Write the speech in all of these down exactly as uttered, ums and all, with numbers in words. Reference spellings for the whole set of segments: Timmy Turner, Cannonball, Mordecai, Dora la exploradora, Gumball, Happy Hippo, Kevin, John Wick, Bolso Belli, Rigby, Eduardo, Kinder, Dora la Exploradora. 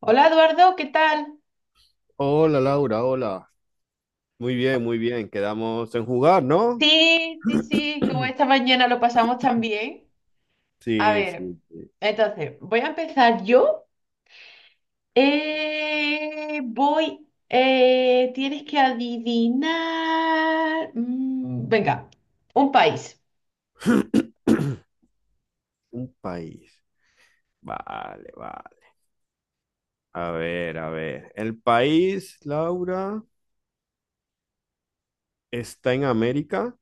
Hola Eduardo, ¿qué tal? Hola Laura, hola. Muy bien, muy bien. Quedamos en jugar, ¿no? Sí, sí, sí, como esta mañana lo pasamos tan bien. A Sí, ver, sí, sí. entonces, voy a empezar yo. Eh, voy, eh, tienes que adivinar. Mm, venga, un país. Un país. Vale, vale. A ver, a ver. El país, Laura, está en América,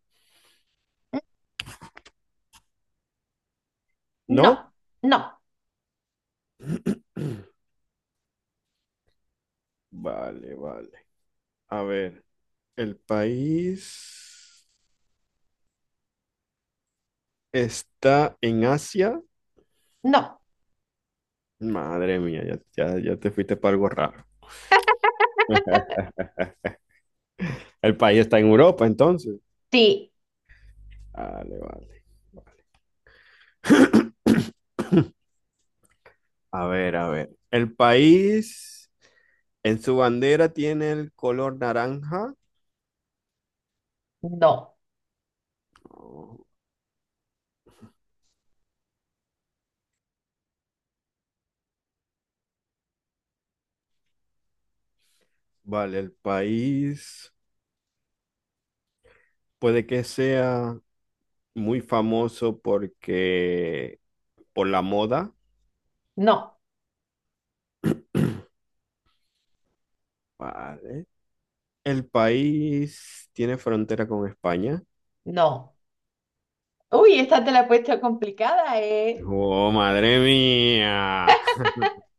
No, ¿no? no, Vale, vale. A ver, el país está en Asia. no. Madre mía, ya, ya, ya te fuiste para algo raro. El país está en Europa, entonces. Sí, Vale, vale, vale. A ver, a ver. El país en su bandera tiene el color naranja. no, Oh, vale, el país puede que sea muy famoso porque por la moda. no, Vale. El país tiene frontera con España. no. Uy, esta te la he puesto complicada, ¿eh? Oh, madre mía.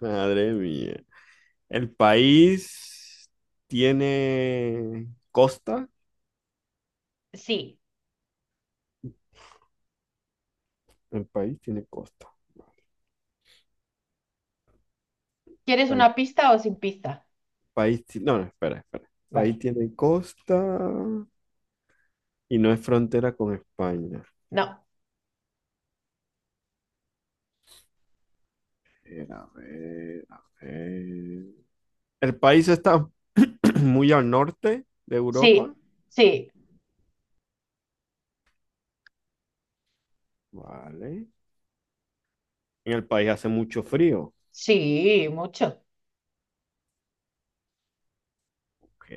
Madre mía. El país tiene costa. Sí. El país tiene costa. ¿Quieres País. una pista o sin pista? País, ti- no, no, espera, espera. Vale. País tiene costa y no es frontera con España. No. Eh, A ver, a ver. El país está muy al norte de Europa. Sí, sí. Vale. En el país hace mucho frío. Sí, mucho. Ok.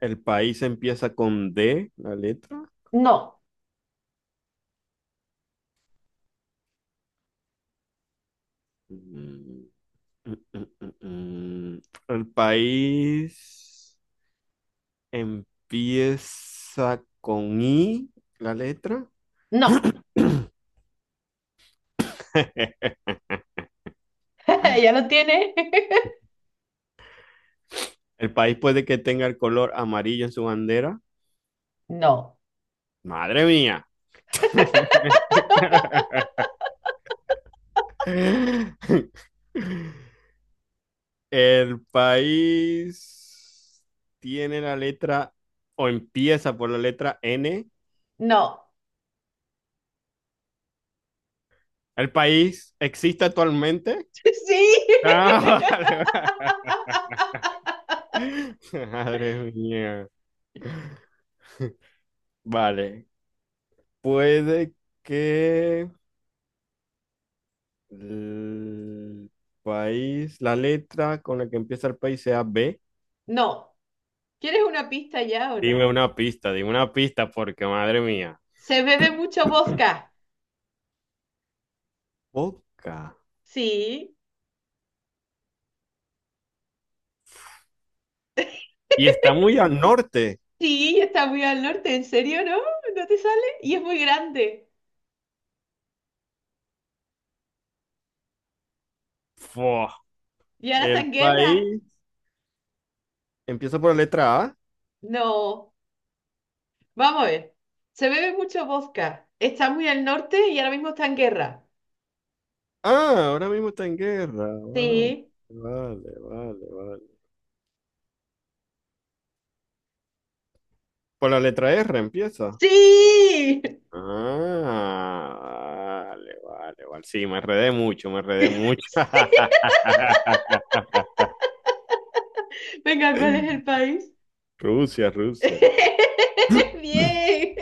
El país empieza con D, la letra. No, Mm, mm, mm, mm, mm. El país empieza con I, la letra. no. ¿Ya lo tiene? El país puede que tenga el color amarillo en su bandera. No, Madre mía. El país tiene la letra o empieza por la letra N. no. ¿El país existe actualmente? Sí. Ah, vale, vale. Madre mía. Vale. Puede que el país, la letra con la que empieza el país sea B. No. ¿Quieres una pista ya o no? Dime una pista, dime una pista, porque madre mía. Se bebe mucho vodka. Boca. Sí, Y está muy al norte. sí, está muy al norte. ¿En serio, no? ¿No te sale? Y es muy grande. Fua. ¿Y ahora está El en guerra? país empieza por la letra A. No. Vamos a ver. Se bebe mucho vodka. Está muy al norte y ahora mismo está en guerra. Ah, ahora mismo está en guerra. Vale, Sí. vale, vale, vale. Por la letra R empieza. Sí. Ah, vale, vale, vale. Sí, me enredé mucho, me enredé mucho. Sí. Venga, ¿cuál es el país? Rusia, Rusia. Bien.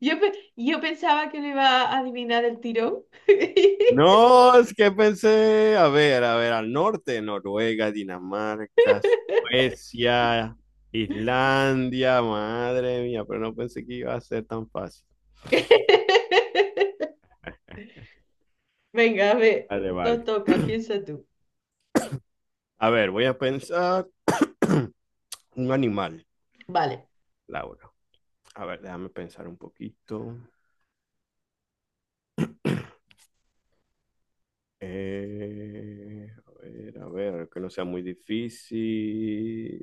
Yo, pe- yo pensaba que lo iba a adivinar el tirón. No, es que pensé, a ver, a ver, al norte, Noruega, Dinamarca, Suecia, Islandia, madre mía, pero no pensé que iba a ser tan fácil. Venga, a ver, Vale, to- vale. toca, piensa tú. A ver, voy a pensar un animal, Vale, Laura. A ver, déjame pensar un poquito. Eh, a ver, a ver, que no sea muy difícil.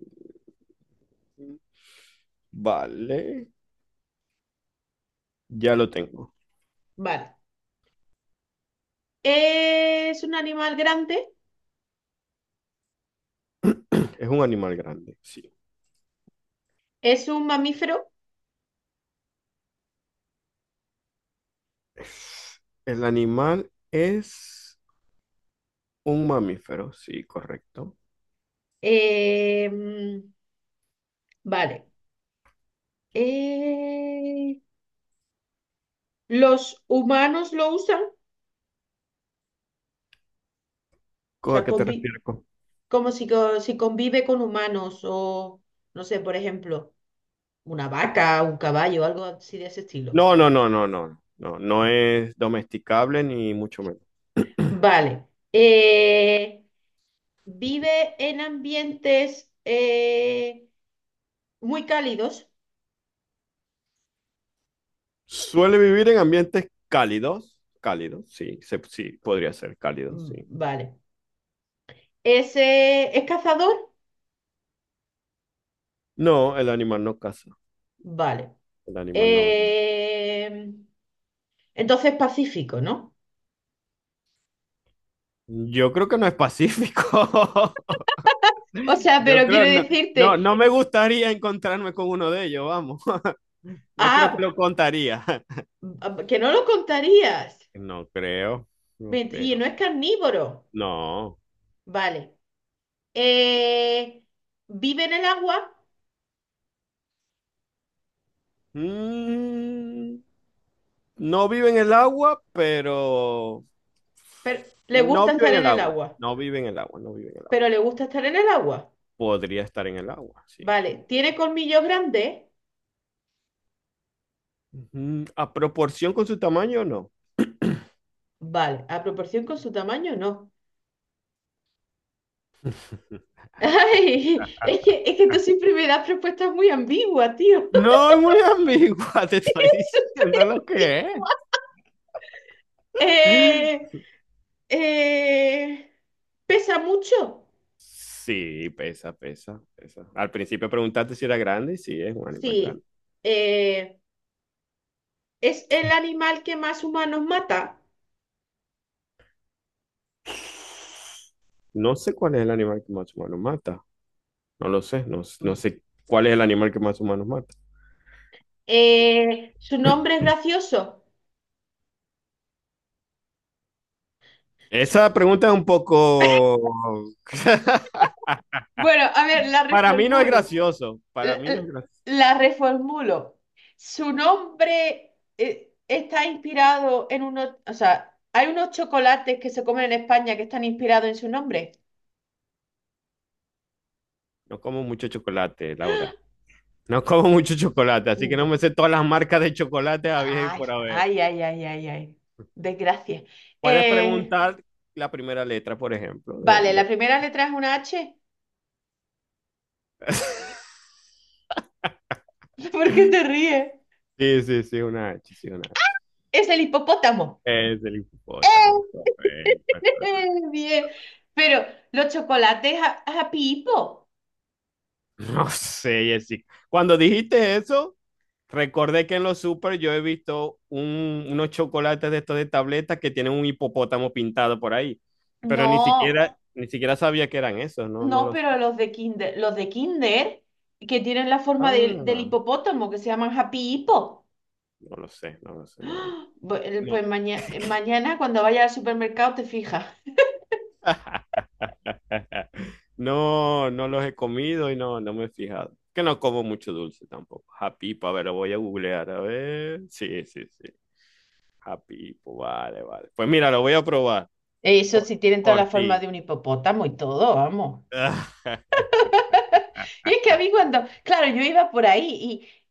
Vale, ya lo tengo. vale. Es un animal grande, Es un animal grande, sí. es un mamífero. El animal es un mamífero, sí, correcto. eh, mm, vale. Eh, ¿los humanos lo usan? O ¿Co- ¿A sea, qué te convi- refieres? Co? como si, co- si convive con humanos o, no sé, por ejemplo, una vaca, un caballo, algo así de ese estilo. No, no, no, no, no, no, no es domesticable ni mucho menos. Vale. Eh, ¿vive en ambientes eh, muy cálidos? Suele vivir en ambientes cálidos, cálidos, sí, se- sí, podría ser cálido, sí. Mm, Vale. ¿Es, eh, ¿es cazador? No, el animal no caza, Vale. el animal no. No. Eh, entonces pacífico, ¿no? Yo creo que no es pacífico. O sea, Yo pero creo, quiero no, no, decirte, no me gustaría encontrarme con uno de ellos, vamos. No creo que ah, lo contaría. ah, que no lo contarías. No creo, no Ve- Y creo. no es carnívoro. No. Vale. Eh, ¿vive en el agua? Mm, no vive en el agua, pero Pero, le no gusta vive estar en en el el agua. agua, No vive en el agua, no vive en el pero agua. le gusta estar en el agua. Podría estar en el agua, sí. Vale, ¿tiene colmillos grandes? Ujú. ¿A proporción con su tamaño no? Vale, a proporción con su tamaño, no. Ay, es que, es que tú siempre me das propuestas muy ambiguas, tío. No es muy ambigua, te estoy Es súper diciendo lo que ambiguo. es. Eh, eh, ¿pesa mucho? Sí, pesa, pesa, pesa. Al principio preguntaste si era grande y sí, es un animal Sí. grande. Eh, ¿es el animal que más humanos mata? No sé cuál es el animal que más humano mata. No lo sé, no, no sé cuál es el animal que más humanos mata. Eh, ¿su nombre es gracioso? Su- Esa pregunta es un poco... Bueno, a ver, la Para mí no es reformulo. gracioso, para L- mí no es l- gracioso. La reformulo. Su nombre eh, está inspirado en unos, o sea, hay unos chocolates que se comen en España que están inspirados en su nombre. No como mucho chocolate, Laura. No como mucho chocolate, así que no Ent- me sé todas las marcas de chocolate a y Ay, por haber. ay, ay, ay, ay, ay. Desgracia. Puedes Eh, preguntar la primera letra, por ejemplo, vale, del... la del- primera letra es una H. ¿Por qué te ríes? Sí, sí, sí, una H, sí, una H. Es el hipopótamo. Es el hipopótamo. Correcto. Bien. Pero los chocolates a, a Pipo. No sé, Jessica. Cuando dijiste eso, recordé que en los super yo he visto un- unos chocolates de estos de tabletas que tienen un hipopótamo pintado por ahí. Pero ni No. siquiera, ni siquiera sabía que eran esos, no, no No, lo sé. pero los de Kinder, los de Kinder, que tienen la Ah, forma del del no hipopótamo, que se llaman Happy Hippo. lo sé, no lo sé, no. Bu- el- No, Pues maña- eh, mañana cuando vayas al supermercado te fijas. no, no los he comido y no, no me he fijado. Que no como mucho dulce tampoco. Japipo, a ver, lo voy a googlear, a ver. Sí, sí, sí. Japipo, vale, vale. Pues mira, lo voy a probar. Eso Por, sí tienen toda por la forma ti. de un hipopótamo y todo, vamos. Y es que a mí cuando, claro, yo iba por ahí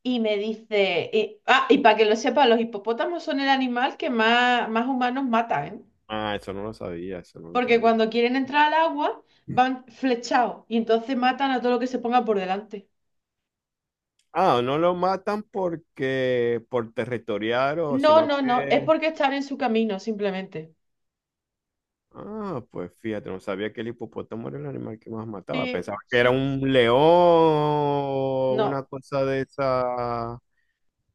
y, y me dice, y- ah, y para que lo sepa, los hipopótamos son el animal que más, más humanos matan, ¿eh? Ah, eso no lo sabía, eso no lo Porque sabía. cuando quieren entrar al agua van flechados y entonces matan a todo lo que se ponga por delante. Ah, no lo matan porque por territoriar o No, sino no, no, es que... porque están en su camino, simplemente. Ah, pues fíjate, no sabía que el hipopótamo era el animal que más mataba. Sí, Pensaba que era sí. un león, una No, cosa de esa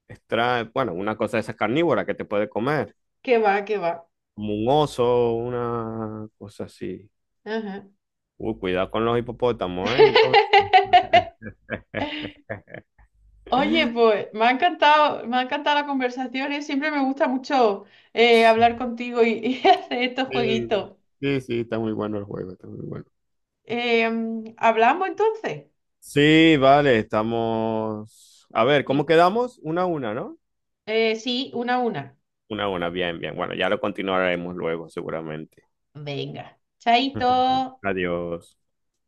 extra, bueno, una cosa de esas carnívora que te puede comer, que va, que va. como un oso, una cosa así. Ajá. Uy, cuidado con los hipopótamos, ¿eh? Entonces, Oye, pues me ha encantado, me ha encantado la conversación, ¿eh? Siempre me gusta mucho eh, hablar contigo y, y hacer estos sí, jueguitos. sí, sí, está muy bueno el juego, está muy bueno. Em, ¿hablamos entonces? Sí, vale, estamos. A ver, ¿cómo Sí. quedamos? Una a una, ¿no? Eh, sí, una a una. Una a una, bien, bien. Bueno, ya lo continuaremos luego, seguramente. Venga, chaito. Adiós.